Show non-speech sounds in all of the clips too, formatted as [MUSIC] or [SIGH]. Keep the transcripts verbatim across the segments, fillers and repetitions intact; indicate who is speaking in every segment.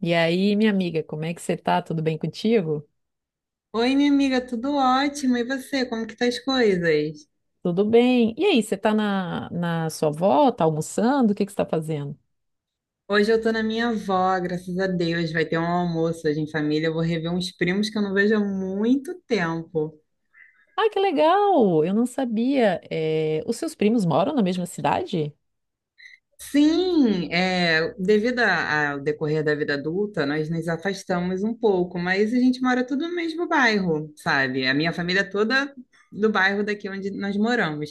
Speaker 1: E aí, minha amiga, como é que você tá? Tudo bem contigo?
Speaker 2: Oi, minha amiga, tudo ótimo. E você, como que tá as coisas?
Speaker 1: Tudo bem. E aí, você tá na, na sua avó? Tá almoçando? O que que você tá fazendo?
Speaker 2: Hoje eu tô na minha avó, graças a Deus. Vai ter um almoço hoje em família. Eu vou rever uns primos que eu não vejo há muito tempo.
Speaker 1: Ah, que legal! Eu não sabia. Eh, Os seus primos moram na mesma cidade?
Speaker 2: Sim, é, devido a- ao decorrer da vida adulta, nós nos afastamos um pouco, mas a gente mora tudo no mesmo bairro, sabe? A minha família é toda do bairro daqui onde nós moramos.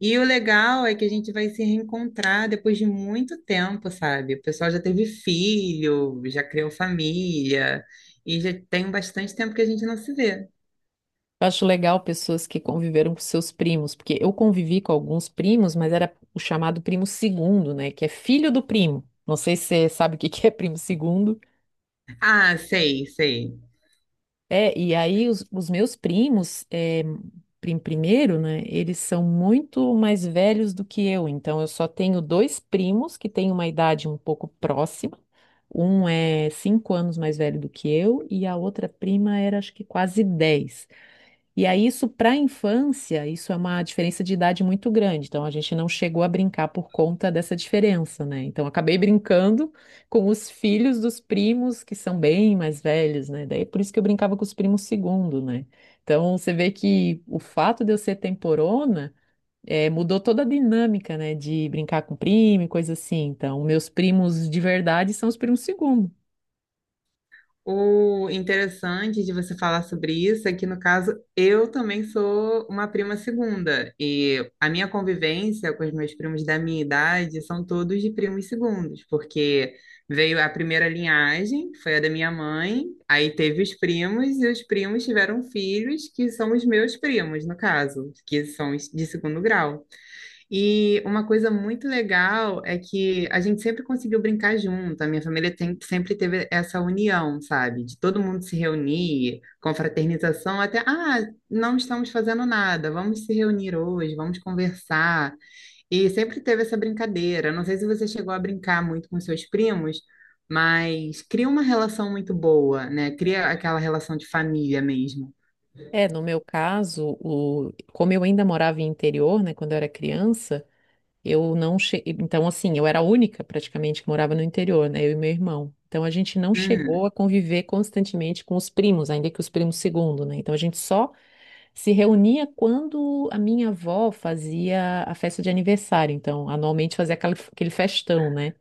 Speaker 2: E o legal é que a gente vai se reencontrar depois de muito tempo, sabe? O pessoal já teve filho, já criou família, e já tem bastante tempo que a gente não se vê.
Speaker 1: Eu acho legal pessoas que conviveram com seus primos, porque eu convivi com alguns primos, mas era o chamado primo segundo, né? Que é filho do primo. Não sei se você sabe o que que é primo segundo.
Speaker 2: Ah, sei, sei.
Speaker 1: É, e aí os, os meus primos, é, prim- primeiro, né, eles são muito mais velhos do que eu, então eu só tenho dois primos que têm uma idade um pouco próxima, um é cinco anos mais velho do que eu e a outra prima era acho que quase dez. E aí, isso para a infância, isso é uma diferença de idade muito grande. Então, a gente não chegou a brincar por conta dessa diferença, né? Então, acabei brincando com os filhos dos primos, que são bem mais velhos, né? Daí, é por isso que eu brincava com os primos segundo, né? Então, você vê que o fato de eu ser temporona, eh, mudou toda a dinâmica, né? De brincar com primo e coisa assim. Então, meus primos de verdade são os primos segundo.
Speaker 2: O interessante de você falar sobre isso é que, no caso, eu também sou uma prima segunda. E a minha convivência com os meus primos da minha idade são todos de primos segundos, porque veio a primeira linhagem, foi a da minha mãe, aí teve os primos, e os primos tiveram filhos, que são os meus primos, no caso, que são de segundo grau. E uma coisa muito legal é que a gente sempre conseguiu brincar junto. A minha família tem- Sempre teve essa união, sabe? De todo mundo se reunir, confraternização, até, ah, não estamos fazendo nada, vamos se reunir hoje, vamos conversar. E sempre teve essa brincadeira. Não sei se você chegou a brincar muito com seus primos, mas cria uma relação muito boa, né? Cria aquela relação de família mesmo.
Speaker 1: É, no meu caso, o... como eu ainda morava em interior, né? Quando eu era criança. Eu não che... Então, assim, eu era a única praticamente que morava no interior, né? Eu e meu irmão. Então, a gente não
Speaker 2: Uhum.
Speaker 1: chegou a conviver constantemente com os primos, ainda que os primos segundo, né? Então, a gente só se reunia quando a minha avó fazia a festa de aniversário. Então, anualmente fazia aquela- aquele festão, né?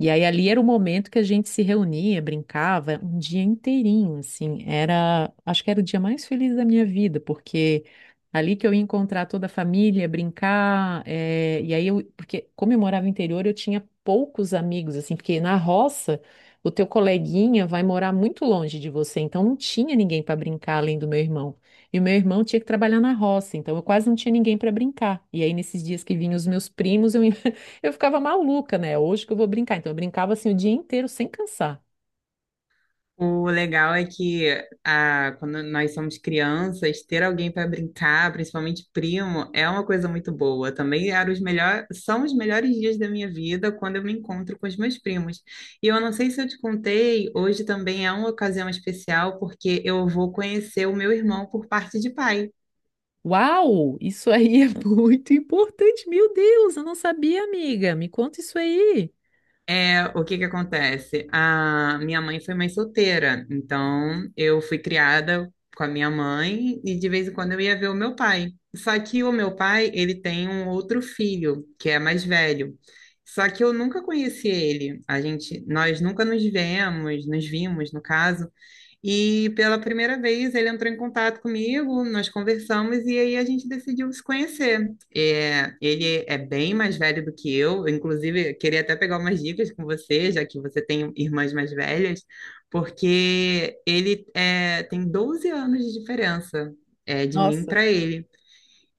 Speaker 1: E aí ali era o momento que a gente se reunia, brincava um dia inteirinho, assim, era, acho que era o dia mais feliz da minha vida, porque ali que eu ia encontrar toda a família, brincar, eh, e aí eu, porque como eu morava no interior, eu tinha poucos amigos, assim, porque na roça o teu coleguinha vai morar muito longe de você, então não tinha ninguém para brincar além do meu irmão. E o meu irmão tinha que trabalhar na roça, então eu quase não tinha ninguém para brincar. E aí nesses dias que vinham os meus primos, eu eu ficava maluca, né? Hoje que eu vou brincar. Então, eu brincava assim o dia inteiro sem cansar.
Speaker 2: O legal é que ah, quando nós somos crianças, ter alguém para brincar, principalmente primo, é uma coisa muito boa. Também eram os melhor, são os melhores dias da minha vida quando eu me encontro com os meus primos. E eu não sei se eu te contei, hoje também é uma ocasião especial porque eu vou conhecer o meu irmão por parte de pai.
Speaker 1: Uau, isso aí é [LAUGHS] muito importante. Meu Deus, eu não sabia, amiga. Me conta isso aí.
Speaker 2: É, o que que acontece? A minha mãe foi mãe solteira, então eu fui criada com a minha mãe e de vez em quando eu ia ver o meu pai. Só que o meu pai, ele tem um outro filho, que é mais velho. Só que eu nunca conheci ele. A gente, nós nunca nos vemos, nos vimos, no caso. E pela primeira vez ele entrou em contato comigo, nós conversamos e aí a gente decidiu se conhecer. É, ele é bem mais velho do que eu, inclusive queria até pegar umas dicas com você, já que você tem irmãs mais velhas, porque ele é, tem doze anos de diferença é, de mim
Speaker 1: Nossa,
Speaker 2: para ele.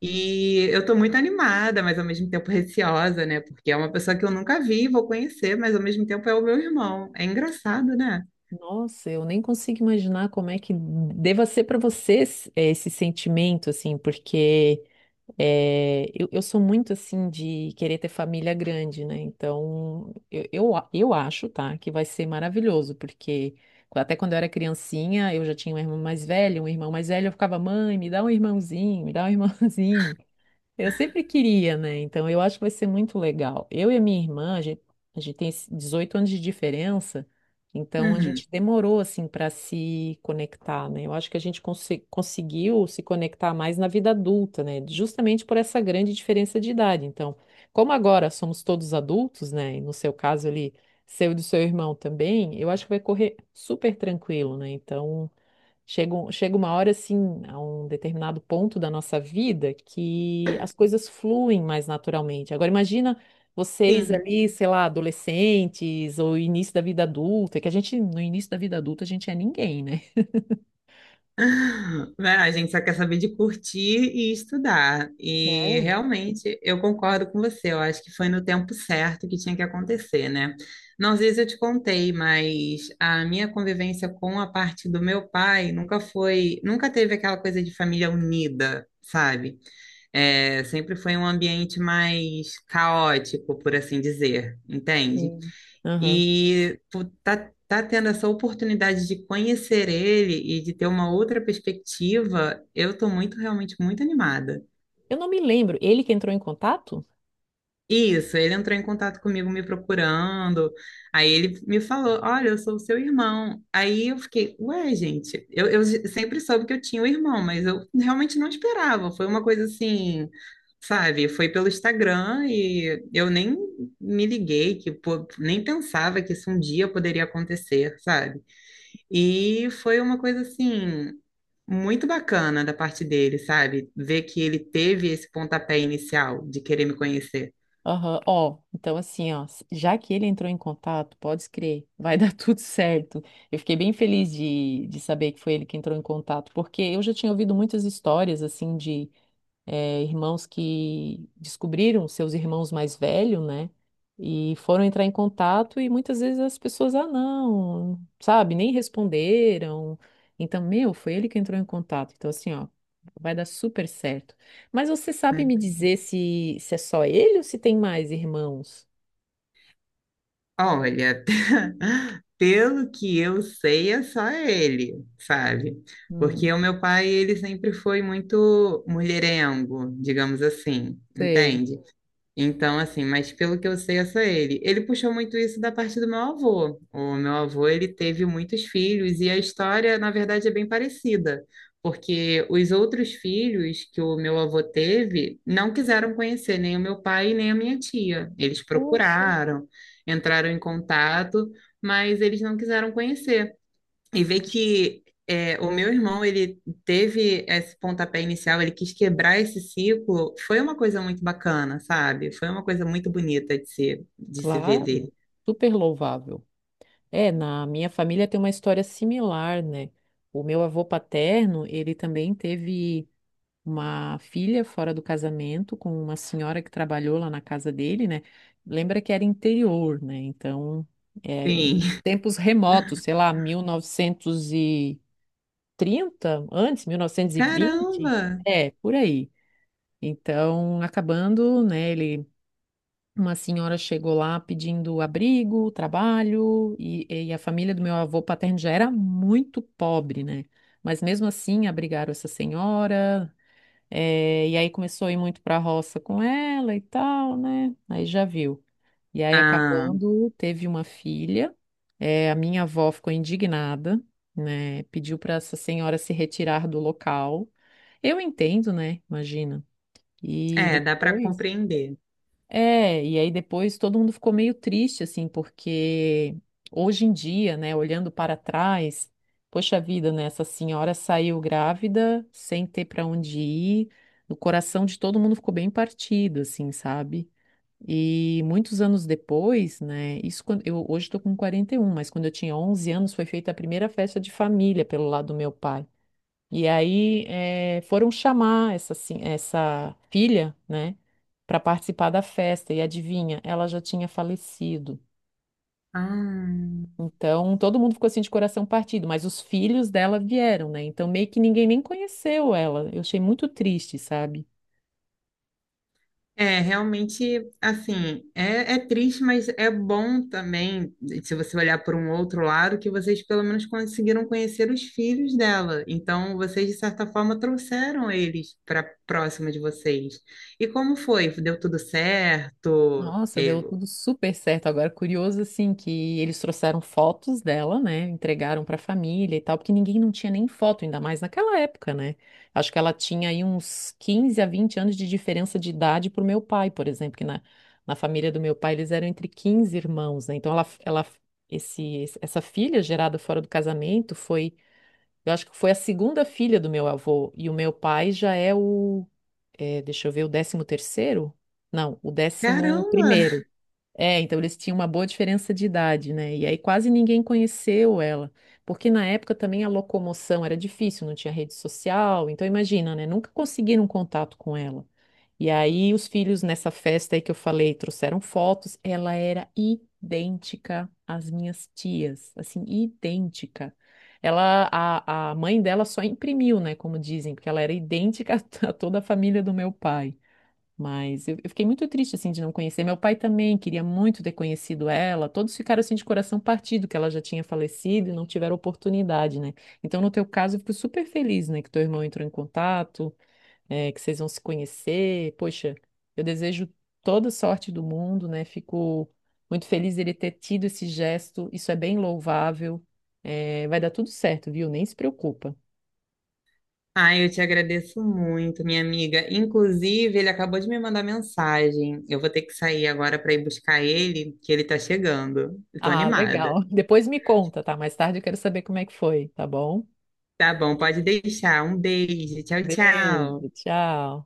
Speaker 2: E eu estou muito animada, mas ao mesmo tempo receosa, né? Porque é uma pessoa que eu nunca vi, vou conhecer, mas ao mesmo tempo é o meu irmão. É engraçado, né?
Speaker 1: nossa, eu nem consigo imaginar como é que deva ser para você esse esse sentimento, assim, porque é, eu, eu sou muito assim de querer ter família grande, né? Então, eu, eu, a- eu acho, tá, que vai ser maravilhoso, porque até quando eu era criancinha, eu já tinha um irmão mais velho, um irmão mais velho, eu ficava, mãe, me dá um irmãozinho, me dá um irmãozinho. Eu sempre queria, né? Então eu acho que vai ser muito legal. Eu e a minha irmã, a gente, a gente tem esse dezoito anos de diferença, então a
Speaker 2: Uhum.
Speaker 1: gente demorou assim para se conectar, né? Eu acho que a gente conse- conseguiu se conectar mais na vida adulta, né? Justamente por essa grande diferença de idade. Então, como agora somos todos adultos, né? E no seu caso ali, seu e do seu irmão também, eu acho que vai correr super tranquilo, né? Então. Chega, um- chega uma hora, assim, a um determinado ponto da nossa vida que as coisas fluem mais naturalmente. Agora, imagina vocês
Speaker 2: Sim.
Speaker 1: ali, sei lá, adolescentes ou início da vida adulta, que a gente, no início da vida adulta, a gente é ninguém, né?
Speaker 2: [LAUGHS] Né? A gente só quer saber de curtir e estudar. E
Speaker 1: É,
Speaker 2: realmente eu concordo com você. Eu acho que foi no tempo certo que tinha que acontecer, né? Não sei se eu te contei, mas a minha convivência com a parte do meu pai nunca foi, nunca teve aquela coisa de família unida, sabe? É, sempre foi um ambiente mais caótico, por assim dizer, entende?
Speaker 1: sim. Aham.
Speaker 2: E tu tá, tá tendo essa oportunidade de conhecer ele e de ter uma outra perspectiva, eu tô muito, realmente muito animada.
Speaker 1: Eu não me lembro. Ele que entrou em contato?
Speaker 2: Isso, ele entrou em contato comigo me procurando, aí ele me falou, olha, eu sou o seu irmão. Aí eu fiquei, ué, gente, eu, eu sempre soube que eu tinha um irmão, mas eu realmente não esperava, foi uma coisa assim, sabe, foi pelo Instagram e eu nem me liguei, que pô, nem pensava que isso um dia poderia acontecer, sabe? E foi uma coisa assim muito bacana da parte dele, sabe? Ver que ele teve esse pontapé inicial de querer me conhecer.
Speaker 1: Aham. Ó, então assim, ó, s- já que ele entrou em contato, pode crer, vai [LAUGHS] dar tudo certo. Eu fiquei bem feliz de, de saber que foi ele que entrou em contato, porque eu já tinha ouvido muitas histórias, assim, de eh, irmãos que descobriram seus irmãos mais velhos, né? E foram entrar em contato e muitas vezes as pessoas, ah, não, sabe, nem responderam. Então, meu, foi ele que entrou em contato. Então, assim, ó, vai dar super certo. Mas você sabe
Speaker 2: Ai,
Speaker 1: me dizer se, se é só ele ou se tem mais irmãos?
Speaker 2: olha, [LAUGHS] pelo que eu sei, é só ele, sabe?
Speaker 1: Hum,
Speaker 2: Porque o meu pai, ele sempre foi muito mulherengo, digamos assim,
Speaker 1: sei.
Speaker 2: entende? Então, assim, mas pelo que eu sei, é só ele. Ele puxou muito isso da parte do meu avô. O meu avô, ele teve muitos filhos e a história, na verdade, é bem parecida, porque os outros filhos que o meu avô teve não quiseram conhecer nem o meu pai nem a minha tia. Eles
Speaker 1: Poxa,
Speaker 2: procuraram, entraram em contato, mas eles não quiseram conhecer e ver
Speaker 1: poxa.
Speaker 2: que é, o meu irmão ele teve esse pontapé inicial, ele quis quebrar esse ciclo, foi uma coisa muito bacana, sabe? Foi uma coisa muito bonita de se, de se ver
Speaker 1: Claro,
Speaker 2: dele.
Speaker 1: super louvável. É, na minha família tem uma história similar, né? O meu avô paterno, ele também teve uma filha fora do casamento com uma senhora que trabalhou lá na casa dele, né? Lembra que era interior, né? Então, é,
Speaker 2: Sim.
Speaker 1: em
Speaker 2: [LAUGHS]
Speaker 1: tempos remotos, sei lá, mil novecentos e trinta, antes, mil novecentos e vinte.
Speaker 2: Caramba!
Speaker 1: É, por aí. Então, acabando, né? Ele uma senhora chegou lá pedindo abrigo, trabalho, e, e a família do meu avô paterno já era muito pobre, né? Mas mesmo assim abrigaram essa senhora, eh, e aí começou a ir muito para a roça com ela e tal, né? Aí já viu. E aí
Speaker 2: Ah,
Speaker 1: acabando, teve uma filha, eh, a minha avó ficou indignada, né? Pediu para essa senhora se retirar do local. Eu entendo, né? Imagina. E
Speaker 2: é, dá para
Speaker 1: depois.
Speaker 2: compreender.
Speaker 1: É, e aí depois todo mundo ficou meio triste, assim, porque hoje em dia, né, olhando para trás, poxa vida, né, essa senhora saiu grávida, sem ter para onde ir, o coração de todo mundo ficou bem partido, assim, sabe? E muitos anos depois, né, isso quando eu hoje estou com quarenta e um, mas quando eu tinha onze anos foi feita a primeira festa de família pelo lado do meu pai. E aí eh, foram chamar essa, assim- essa filha, né, para participar da festa. E adivinha, ela já tinha falecido.
Speaker 2: Ah.
Speaker 1: Então todo mundo ficou assim de coração partido, mas os filhos dela vieram, né? Então meio que ninguém nem conheceu ela. Eu achei muito triste, sabe?
Speaker 2: É, realmente, assim, é, é triste, mas é bom também, se você olhar por um outro lado, que vocês pelo menos conseguiram conhecer os filhos dela. Então, vocês, de certa forma, trouxeram eles para próxima de vocês. E como foi? Deu tudo certo?
Speaker 1: Nossa, deu
Speaker 2: Eu,
Speaker 1: tudo super certo. Agora, curioso assim que eles trouxeram fotos dela, né? Entregaram para a família e tal, porque ninguém não tinha nem foto, ainda mais naquela época, né? Acho que ela tinha aí uns quinze a vinte anos de diferença de idade pro meu pai, por exemplo, que na, na família do meu pai eles eram entre quinze irmãos, né? Então ela, ela esse, esse- essa filha gerada fora do casamento foi, eu acho que foi a segunda filha do meu avô e o meu pai já é o, é, deixa eu ver, o décimo terceiro? Não, o décimo
Speaker 2: caramba!
Speaker 1: primeiro. É, então eles tinham uma boa diferença de idade, né? E aí quase ninguém conheceu ela, porque na época também a locomoção era difícil, não tinha rede social, então imagina, né? Nunca conseguiram contato com ela. E aí os filhos nessa festa aí que eu falei trouxeram fotos, ela era idêntica às minhas tias, assim, idêntica. Ela, a, a mãe dela só imprimiu, né? Como dizem, porque ela era idêntica [LAUGHS] a toda a família do meu pai. Mas eu, eu fiquei muito triste, assim, de não conhecer. Meu pai também queria muito ter conhecido ela. Todos ficaram, assim, de coração partido, que ela já tinha falecido e não tiveram oportunidade, né? Então, no teu caso, eu fico super feliz, né? Que teu irmão entrou em contato, eh, que vocês vão se conhecer. Poxa, eu desejo toda sorte do mundo, né? Fico muito feliz ele ter tido esse gesto. Isso é bem louvável. Eh, vai dar tudo certo, viu? Nem se preocupa.
Speaker 2: Ah, eu te agradeço muito, minha amiga. Inclusive, ele acabou de me mandar mensagem. Eu vou ter que sair agora para ir buscar ele, que ele tá chegando. Eu tô
Speaker 1: Ah,
Speaker 2: animada.
Speaker 1: legal. [LAUGHS] Depois me conta, tá? Mais tarde eu quero saber como é que foi, tá bom?
Speaker 2: Tá bom, pode deixar. Um beijo. Tchau,
Speaker 1: Beijo,
Speaker 2: tchau.
Speaker 1: tchau.